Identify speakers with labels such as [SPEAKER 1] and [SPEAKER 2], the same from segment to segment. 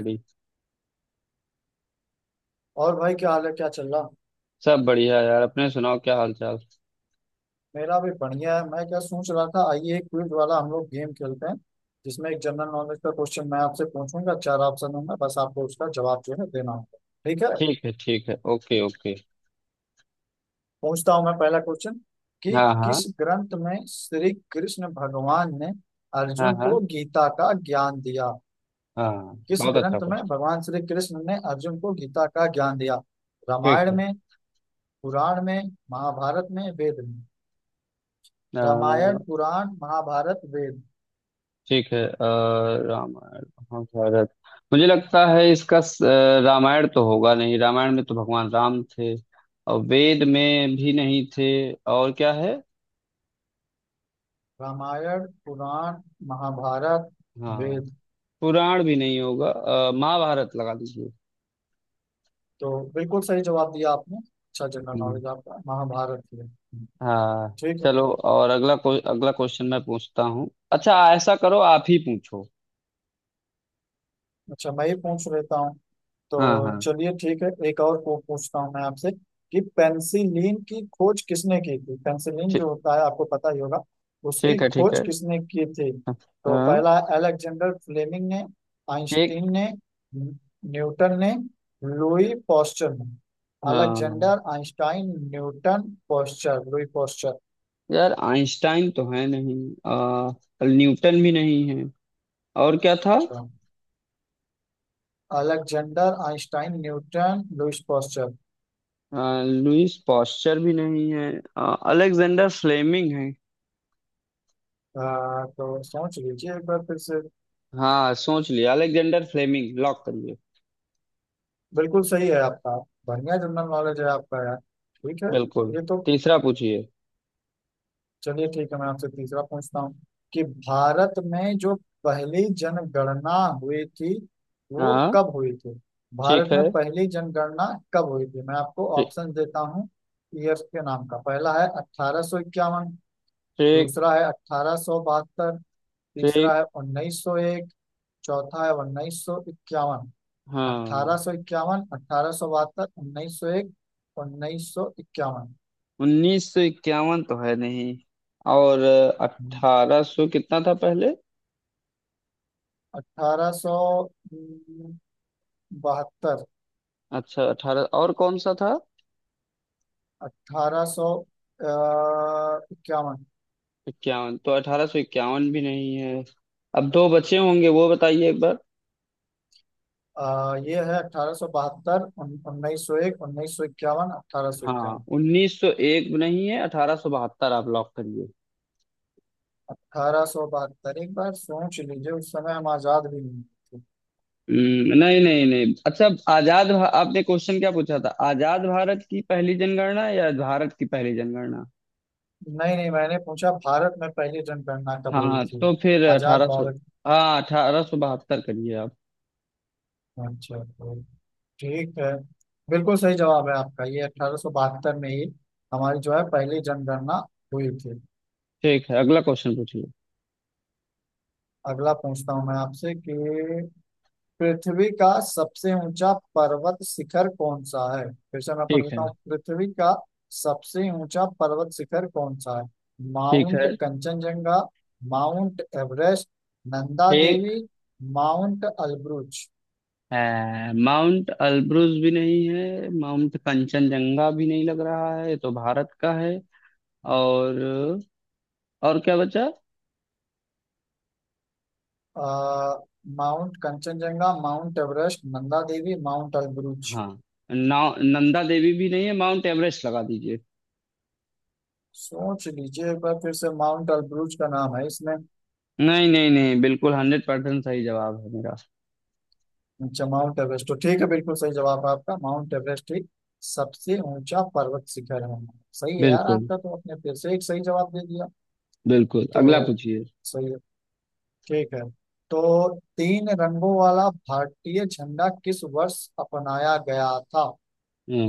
[SPEAKER 1] भी।
[SPEAKER 2] और भाई क्या हाल है, क्या चल रहा?
[SPEAKER 1] सब बढ़िया यार, अपने सुनाओ, क्या हाल चाल।
[SPEAKER 2] मेरा भी बढ़िया है। मैं क्या सोच रहा था, आइए एक क्विज वाला हम लोग गेम खेलते हैं, जिसमें एक जनरल नॉलेज का क्वेश्चन मैं आपसे पूछूंगा, चार ऑप्शन होंगे, बस आपको उसका जवाब जो है देना होगा। ठीक है?
[SPEAKER 1] ठीक है, ठीक है, ओके ओके।
[SPEAKER 2] पूछता हूँ मैं पहला क्वेश्चन कि
[SPEAKER 1] हाँ हाँ।
[SPEAKER 2] किस ग्रंथ में श्री कृष्ण भगवान ने
[SPEAKER 1] हाँ
[SPEAKER 2] अर्जुन
[SPEAKER 1] हाँ।
[SPEAKER 2] को गीता का ज्ञान दिया?
[SPEAKER 1] हाँ,
[SPEAKER 2] किस
[SPEAKER 1] बहुत अच्छा
[SPEAKER 2] ग्रंथ में
[SPEAKER 1] कुछ।
[SPEAKER 2] भगवान श्री कृष्ण ने अर्जुन को गीता का ज्ञान दिया?
[SPEAKER 1] ठीक
[SPEAKER 2] रामायण
[SPEAKER 1] है।
[SPEAKER 2] में, पुराण में, महाभारत में, वेद में। रामायण,
[SPEAKER 1] अ,
[SPEAKER 2] पुराण, महाभारत, वेद।
[SPEAKER 1] ठीक है। रामायण, महाभारत। मुझे लगता है इसका रामायण तो होगा नहीं, रामायण में तो भगवान राम थे। और वेद में भी नहीं थे। और क्या है।
[SPEAKER 2] रामायण, पुराण, महाभारत,
[SPEAKER 1] हाँ।
[SPEAKER 2] वेद।
[SPEAKER 1] पुराण भी नहीं होगा। महाभारत लगा दीजिए।
[SPEAKER 2] तो बिल्कुल सही जवाब दिया आपने। अच्छा जनरल
[SPEAKER 1] हम्म।
[SPEAKER 2] नॉलेज आपका। महाभारत ही है।
[SPEAKER 1] हाँ।
[SPEAKER 2] ठीक है।
[SPEAKER 1] चलो, और अगला क्वेश्चन मैं पूछता हूँ। अच्छा, ऐसा करो, आप ही पूछो।
[SPEAKER 2] अच्छा, मैं ही पूछ लेता हूँ।
[SPEAKER 1] हाँ
[SPEAKER 2] तो
[SPEAKER 1] हाँ।
[SPEAKER 2] चलिए ठीक है, एक और पूछता हूँ मैं आपसे कि पेनिसिलिन की खोज किसने की थी? पेनिसिलिन
[SPEAKER 1] ठीक।
[SPEAKER 2] जो होता है आपको पता ही होगा, उसकी
[SPEAKER 1] ठीक है, ठीक
[SPEAKER 2] खोज
[SPEAKER 1] है।
[SPEAKER 2] किसने की थी?
[SPEAKER 1] हाँ।
[SPEAKER 2] तो
[SPEAKER 1] हाँ।
[SPEAKER 2] पहला, अलेक्जेंडर फ्लेमिंग ने,
[SPEAKER 1] ठीक।
[SPEAKER 2] आइंस्टीन ने, न्यू- न्यूटन ने, लुई पॉस्चर ने।
[SPEAKER 1] हाँ,
[SPEAKER 2] Alexander, Einstein, Newton, Pasteur, Louis Pasteur.
[SPEAKER 1] यार आइंस्टाइन तो है नहीं। आ, न्यूटन भी नहीं है। और क्या था।
[SPEAKER 2] अच्छा, Alexander, Einstein, Newton, Louis posture.
[SPEAKER 1] Lewis Pasteur भी नहीं है। अलेक्जेंडर फ्लेमिंग है।
[SPEAKER 2] तो सोच लीजिए एक बार फिर से।
[SPEAKER 1] हाँ, सोच लिया, अलेक्जेंडर फ्लेमिंग लॉक करिए।
[SPEAKER 2] बिल्कुल सही है आपका। बढ़िया जनरल नॉलेज है आपका यार। ठीक है।
[SPEAKER 1] बिल्कुल।
[SPEAKER 2] ये तो,
[SPEAKER 1] तीसरा पूछिए।
[SPEAKER 2] चलिए ठीक है, मैं आपसे तीसरा पूछता हूँ कि भारत में जो पहली जनगणना हुई थी वो
[SPEAKER 1] हाँ।
[SPEAKER 2] कब हुई थी? भारत
[SPEAKER 1] ठीक है।
[SPEAKER 2] में पहली जनगणना कब हुई थी? मैं आपको
[SPEAKER 1] ठीक।
[SPEAKER 2] ऑप्शन देता हूँ। ईएफ के नाम का पहला है 1851,
[SPEAKER 1] ठीक।
[SPEAKER 2] दूसरा है 1872, तीसरा
[SPEAKER 1] ठीक।
[SPEAKER 2] है 1901, चौथा है 1951।
[SPEAKER 1] हाँ।
[SPEAKER 2] 1851, 1872, 1901, 1951।
[SPEAKER 1] उन्नीस सौ इक्यावन तो है नहीं। और अठारह सौ कितना था पहले।
[SPEAKER 2] अठारह सौ बहत्तर।
[SPEAKER 1] अच्छा, अठारह और कौन सा था।
[SPEAKER 2] 1851।
[SPEAKER 1] इक्यावन तो अठारह सौ इक्यावन भी नहीं है। अब दो बचे होंगे, वो बताइए एक बार।
[SPEAKER 2] ये है 1872, उन्नीस सौ एक, उन्नीस सौ इक्यावन, अठारह सौ
[SPEAKER 1] हाँ,
[SPEAKER 2] इक्यावन।
[SPEAKER 1] उन्नीस सौ एक नहीं है, अठारह सौ बहत्तर आप लॉक करिए।
[SPEAKER 2] अठारह सौ बहत्तर। एक बार सोच लीजिए, उस समय हम आजाद भी नहीं थे।
[SPEAKER 1] नहीं नहीं नहीं, अच्छा, आपने क्वेश्चन क्या पूछा था, आजाद भारत की पहली जनगणना या भारत की पहली जनगणना।
[SPEAKER 2] नहीं नहीं, मैंने पूछा भारत में पहली जनगणना कब हुई
[SPEAKER 1] हाँ,
[SPEAKER 2] थी।
[SPEAKER 1] तो फिर
[SPEAKER 2] आजाद
[SPEAKER 1] अठारह सौ।
[SPEAKER 2] भारत।
[SPEAKER 1] हाँ, अठारह सौ बहत्तर करिए आप।
[SPEAKER 2] अच्छा, ठीक है। बिल्कुल सही जवाब है आपका, ये 1872 में ही हमारी जो है पहली जनगणना हुई थी।
[SPEAKER 1] ठीक है, अगला क्वेश्चन पूछिए।
[SPEAKER 2] अगला पूछता हूँ मैं आपसे कि पृथ्वी का सबसे ऊंचा पर्वत शिखर कौन सा है? फिर से मैं पढ़
[SPEAKER 1] ठीक है।
[SPEAKER 2] देता हूँ, पृथ्वी का सबसे ऊंचा पर्वत शिखर कौन सा है?
[SPEAKER 1] ठीक है।
[SPEAKER 2] Mount Kanchenjunga, Mount Everest, Nanda
[SPEAKER 1] ठीक
[SPEAKER 2] देवी, माउंट अल्ब्रुज।
[SPEAKER 1] है। माउंट अल्ब्रुज भी नहीं है, माउंट कंचनजंगा भी नहीं लग रहा है, ये तो भारत का है। और और क्या बचा।
[SPEAKER 2] अ, Mount Kanchenjunga, Mount Everest, Nanda Devi, Mount Elbrus.
[SPEAKER 1] हाँ। नौ। नंदा देवी भी नहीं है, माउंट एवरेस्ट लगा दीजिए।
[SPEAKER 2] सोच लीजिए एक बार फिर से, माउंट एलब्रूज का नाम है इसमें।
[SPEAKER 1] नहीं नहीं नहीं, बिल्कुल हंड्रेड परसेंट सही जवाब है मेरा।
[SPEAKER 2] अच्छा, माउंट एवरेस्ट तो ठीक है, बिल्कुल सही जवाब है आपका। माउंट एवरेस्ट ही सबसे ऊंचा पर्वत शिखर है। सही है यार
[SPEAKER 1] बिल्कुल।
[SPEAKER 2] आपका, तो आपने फिर से एक सही जवाब दे दिया।
[SPEAKER 1] बिल्कुल, अगला
[SPEAKER 2] तो
[SPEAKER 1] पूछिए।
[SPEAKER 2] सही है, ठीक है। तो तीन रंगों वाला भारतीय झंडा किस वर्ष अपनाया गया था?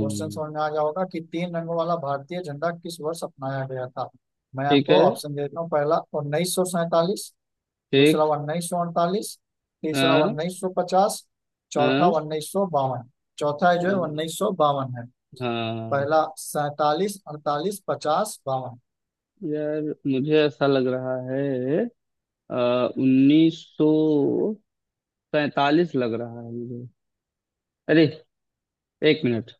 [SPEAKER 2] क्वेश्चन समझ में आ गया होगा कि तीन रंगों वाला भारतीय झंडा किस वर्ष अपनाया गया था? मैं
[SPEAKER 1] ठीक
[SPEAKER 2] आपको
[SPEAKER 1] है।
[SPEAKER 2] ऑप्शन दे देता हूँ। पहला 1947, दूसरा
[SPEAKER 1] ठीक।
[SPEAKER 2] 1948, तीसरा
[SPEAKER 1] हाँ।
[SPEAKER 2] 1950, चौथा
[SPEAKER 1] हाँ।
[SPEAKER 2] 1952। चौथा जो है
[SPEAKER 1] हाँ।
[SPEAKER 2] 1952 है।
[SPEAKER 1] हाँ।
[SPEAKER 2] पहला सैतालीस, अड़तालीस, पचास, बावन।
[SPEAKER 1] यार, मुझे ऐसा लग रहा है, उन्नीस सौ पैंतालीस लग रहा है मुझे। अरे, एक मिनट।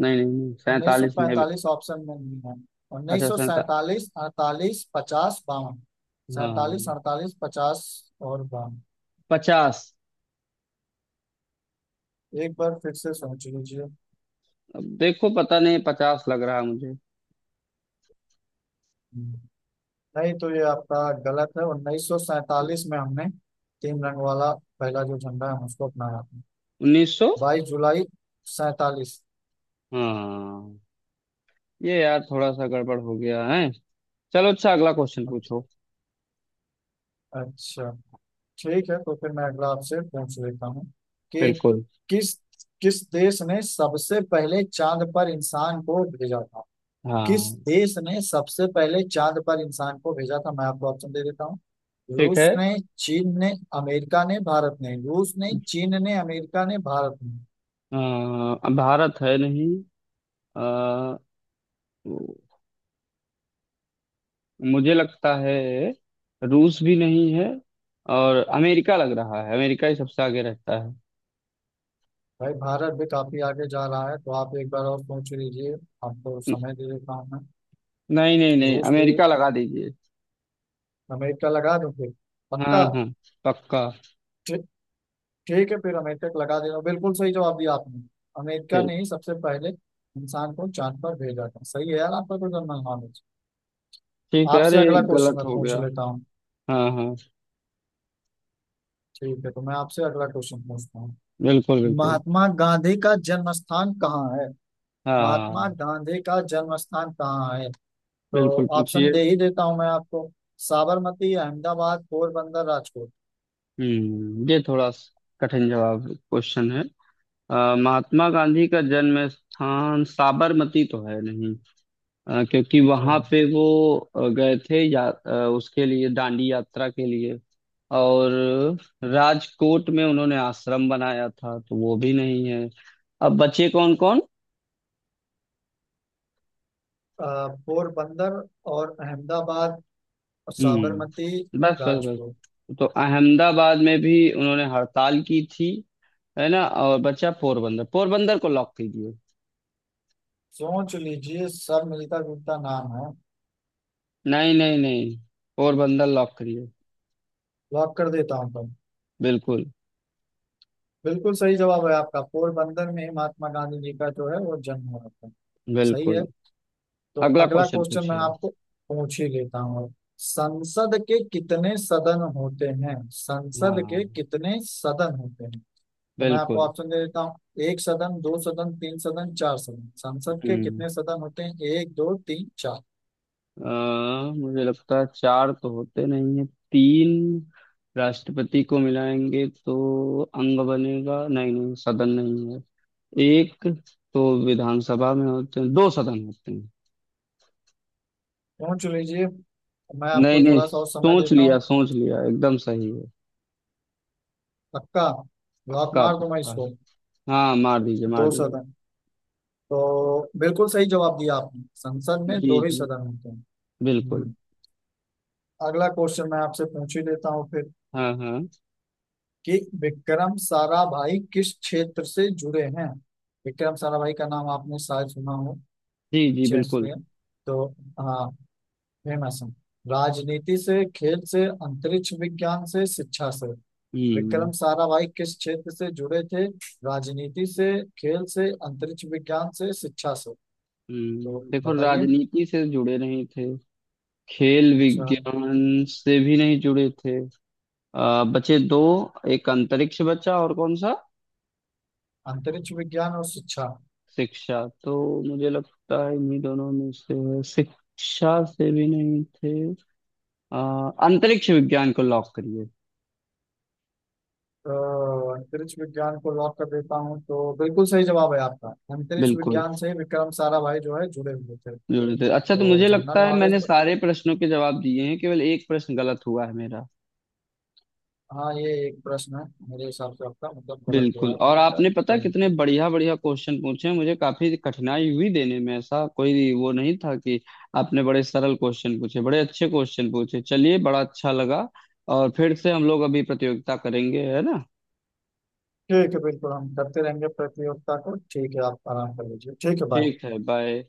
[SPEAKER 1] नहीं नहीं नहीं,
[SPEAKER 2] उन्नीस सौ
[SPEAKER 1] सैंतालीस नहीं अभी।
[SPEAKER 2] पैंतालीस ऑप्शन में नहीं है। उन्नीस
[SPEAKER 1] अच्छा,
[SPEAKER 2] सौ
[SPEAKER 1] सैंता।
[SPEAKER 2] सैतालीस अड़तालीस, पचास, बावन। सैतालीस,
[SPEAKER 1] हाँ।
[SPEAKER 2] अड़तालीस, पचास और बावन।
[SPEAKER 1] पचास।
[SPEAKER 2] एक बार फिर से सोच लीजिए।
[SPEAKER 1] अब देखो, पता नहीं, पचास लग रहा है मुझे।
[SPEAKER 2] नहीं, तो ये आपका गलत है। उन्नीस सौ सैतालीस में हमने तीन रंग वाला पहला जो झंडा है हम उसको अपनाया।
[SPEAKER 1] उन्नीस सौ।
[SPEAKER 2] 22 जुलाई सैतालीस।
[SPEAKER 1] हाँ, ये यार थोड़ा सा गड़बड़ हो गया है। चलो, अच्छा, अगला क्वेश्चन पूछो।
[SPEAKER 2] अच्छा, ठीक है, तो फिर मैं अगला आपसे पूछ लेता हूँ कि
[SPEAKER 1] बिल्कुल।
[SPEAKER 2] किस किस देश ने सबसे पहले चांद पर इंसान को भेजा था? किस
[SPEAKER 1] हाँ।
[SPEAKER 2] देश ने सबसे पहले चांद पर इंसान को भेजा था? मैं आपको ऑप्शन दे देता हूँ।
[SPEAKER 1] ठीक है।
[SPEAKER 2] रूस ने, चीन ने, अमेरिका ने, भारत ने। रूस ने, चीन ने, अमेरिका ने, भारत ने।
[SPEAKER 1] अ, भारत है नहीं। अ, मुझे लगता है रूस भी नहीं है। और अमेरिका लग रहा है, अमेरिका ही सबसे आगे रहता है।
[SPEAKER 2] भाई, भारत भी काफी आगे जा रहा है, तो आप एक बार और पूछ लीजिए। आपको समय दे देता हूँ मैं।
[SPEAKER 1] नहीं नहीं नहीं,
[SPEAKER 2] रूस भी?
[SPEAKER 1] अमेरिका लगा दीजिए।
[SPEAKER 2] अमेरिका लगा दूं फिर? पक्का?
[SPEAKER 1] हाँ हाँ, पक्का।
[SPEAKER 2] ठीक है, फिर अमेरिका को लगा देना। बिल्कुल सही जवाब दिया आपने। अमेरिका
[SPEAKER 1] ठीक।
[SPEAKER 2] ने ही सबसे पहले इंसान को चांद पर भेजा था। सही है यार आपका, तो जनरल नॉलेज।
[SPEAKER 1] ठीक है।
[SPEAKER 2] आपसे
[SPEAKER 1] अरे,
[SPEAKER 2] अगला क्वेश्चन
[SPEAKER 1] गलत
[SPEAKER 2] मैं
[SPEAKER 1] हो
[SPEAKER 2] पूछ
[SPEAKER 1] गया।
[SPEAKER 2] लेता हूँ।
[SPEAKER 1] हाँ हाँ।
[SPEAKER 2] ठीक है, तो मैं आपसे अगला क्वेश्चन पूछता हूँ।
[SPEAKER 1] बिल्कुल बिल्कुल।
[SPEAKER 2] महात्मा गांधी का जन्म स्थान कहाँ है? महात्मा
[SPEAKER 1] हाँ।
[SPEAKER 2] गांधी का जन्म स्थान कहाँ है? तो
[SPEAKER 1] बिल्कुल,
[SPEAKER 2] ऑप्शन
[SPEAKER 1] पूछिए।
[SPEAKER 2] दे ही देता हूँ मैं आपको। साबरमती, अहमदाबाद, पोरबंदर, राजकोट।
[SPEAKER 1] हम्म ये थोड़ा स- कठिन जवाब क्वेश्चन है। महात्मा गांधी का जन्म स्थान साबरमती तो है नहीं। क्योंकि
[SPEAKER 2] अच्छा,
[SPEAKER 1] वहां पे वो गए थे या उसके लिए दांडी यात्रा के लिए। और राजकोट में उन्होंने आश्रम बनाया था, तो वो भी नहीं है। अब बचे कौन कौन।
[SPEAKER 2] पोरबंदर और अहमदाबाद और साबरमती,
[SPEAKER 1] हम्म, बस बस
[SPEAKER 2] राजकोट।
[SPEAKER 1] बस। तो अहमदाबाद में भी उन्होंने हड़ताल की थी, है ना। और बचा पोरबंदर, पोरबंदर को लॉक कीजिए।
[SPEAKER 2] सोच लीजिए, सब मिलता जुलता नाम है।
[SPEAKER 1] नहीं नहीं नहीं, पोरबंदर लॉक करिए।
[SPEAKER 2] लॉक कर देता हूँ तुम।
[SPEAKER 1] बिल्कुल।
[SPEAKER 2] बिल्कुल सही जवाब है आपका, पोरबंदर में ही महात्मा गांधी जी का जो है वो जन्म हुआ था। सही है।
[SPEAKER 1] बिल्कुल,
[SPEAKER 2] तो
[SPEAKER 1] अगला
[SPEAKER 2] अगला
[SPEAKER 1] क्वेश्चन
[SPEAKER 2] क्वेश्चन मैं
[SPEAKER 1] पूछिए।
[SPEAKER 2] आपको पूछ ही लेता हूँ। संसद के कितने सदन होते हैं? संसद के
[SPEAKER 1] हाँ।
[SPEAKER 2] कितने सदन होते हैं? तो मैं आपको
[SPEAKER 1] बिल्कुल।
[SPEAKER 2] ऑप्शन दे देता हूँ। एक सदन, दो सदन, तीन सदन, चार सदन। संसद के
[SPEAKER 1] हम्म।
[SPEAKER 2] कितने सदन होते हैं? एक, दो, तीन, चार।
[SPEAKER 1] मुझे लगता है चार तो होते नहीं है। तीन, राष्ट्रपति को मिलाएंगे तो अंग बनेगा, नहीं नहीं सदन नहीं है। एक तो विधानसभा में होते हैं, दो सदन होते हैं।
[SPEAKER 2] पूछ लीजिए, मैं
[SPEAKER 1] नहीं
[SPEAKER 2] आपको
[SPEAKER 1] नहीं,
[SPEAKER 2] थोड़ा सा और समय
[SPEAKER 1] सोच
[SPEAKER 2] देता
[SPEAKER 1] लिया,
[SPEAKER 2] हूँ।
[SPEAKER 1] सोच लिया, एकदम सही है।
[SPEAKER 2] पक्का? लॉक
[SPEAKER 1] पक्का
[SPEAKER 2] मार दूं मैं
[SPEAKER 1] पक्का।
[SPEAKER 2] इसको?
[SPEAKER 1] हाँ, मार दीजिए, मार
[SPEAKER 2] दो
[SPEAKER 1] दीजिए।
[SPEAKER 2] सदन। तो बिल्कुल सही जवाब दिया आपने। संसद में
[SPEAKER 1] जी
[SPEAKER 2] दो ही
[SPEAKER 1] जी,
[SPEAKER 2] सदन होते हैं।
[SPEAKER 1] बिल्कुल।
[SPEAKER 2] हम्म, अगला क्वेश्चन मैं आपसे पूछ ही लेता हूँ फिर
[SPEAKER 1] हाँ हाँ।
[SPEAKER 2] कि विक्रम साराभाई किस क्षेत्र से जुड़े हैं? विक्रम साराभाई का नाम आपने शायद सुना हो।
[SPEAKER 1] जी जी,
[SPEAKER 2] चेस
[SPEAKER 1] बिल्कुल।
[SPEAKER 2] से, तो हाँ, फेमस है। राजनीति से, खेल से, अंतरिक्ष विज्ञान से, शिक्षा से। विक्रम
[SPEAKER 1] हम्म।
[SPEAKER 2] साराभाई किस क्षेत्र से जुड़े थे? राजनीति से, खेल से, अंतरिक्ष विज्ञान से, शिक्षा से। तो
[SPEAKER 1] हम्म, देखो,
[SPEAKER 2] बताइए।
[SPEAKER 1] राजनीति से जुड़े नहीं थे। खेल
[SPEAKER 2] अच्छा,
[SPEAKER 1] विज्ञान से भी नहीं जुड़े थे। बचे दो, एक अंतरिक्ष बचा और कौन सा।
[SPEAKER 2] अंतरिक्ष विज्ञान और शिक्षा।
[SPEAKER 1] शिक्षा, तो मुझे लगता है इन्हीं दोनों में से है। शिक्षा से भी नहीं थे। अंतरिक्ष विज्ञान को लॉक करिए।
[SPEAKER 2] तो अंतरिक्ष विज्ञान को लॉक कर देता हूँ, तो बिल्कुल सही जवाब है आपका। अंतरिक्ष
[SPEAKER 1] बिल्कुल।
[SPEAKER 2] विज्ञान से विक्रम साराभाई जो है जुड़े हुए थे।
[SPEAKER 1] जोड़े थे, अच्छा। तो
[SPEAKER 2] तो
[SPEAKER 1] मुझे
[SPEAKER 2] जनरल
[SPEAKER 1] लगता है
[SPEAKER 2] नॉलेज
[SPEAKER 1] मैंने
[SPEAKER 2] तो,
[SPEAKER 1] सारे प्रश्नों के जवाब दिए हैं, केवल एक प्रश्न गलत हुआ है मेरा।
[SPEAKER 2] हाँ, ये एक प्रश्न है, मेरे हिसाब से आपका मतलब गलत हो
[SPEAKER 1] बिल्कुल,
[SPEAKER 2] रहा है
[SPEAKER 1] और
[SPEAKER 2] मेरा ख्याल।
[SPEAKER 1] आपने पता
[SPEAKER 2] चलो
[SPEAKER 1] कितने बढ़िया बढ़िया क्वेश्चन पूछे हैं, मुझे काफी कठिनाई हुई देने में, ऐसा कोई वो नहीं था कि आपने बड़े सरल क्वेश्चन पूछे, बड़े अच्छे क्वेश्चन पूछे। चलिए, बड़ा अच्छा लगा। और फिर से हम लोग अभी प्रतियोगिता करेंगे, है ना।
[SPEAKER 2] ठीक है, बिल्कुल, हम करते रहेंगे प्रतियोगिता को। ठीक है, आप आराम कर लीजिए। ठीक है, बाय।
[SPEAKER 1] ठीक है, बाय।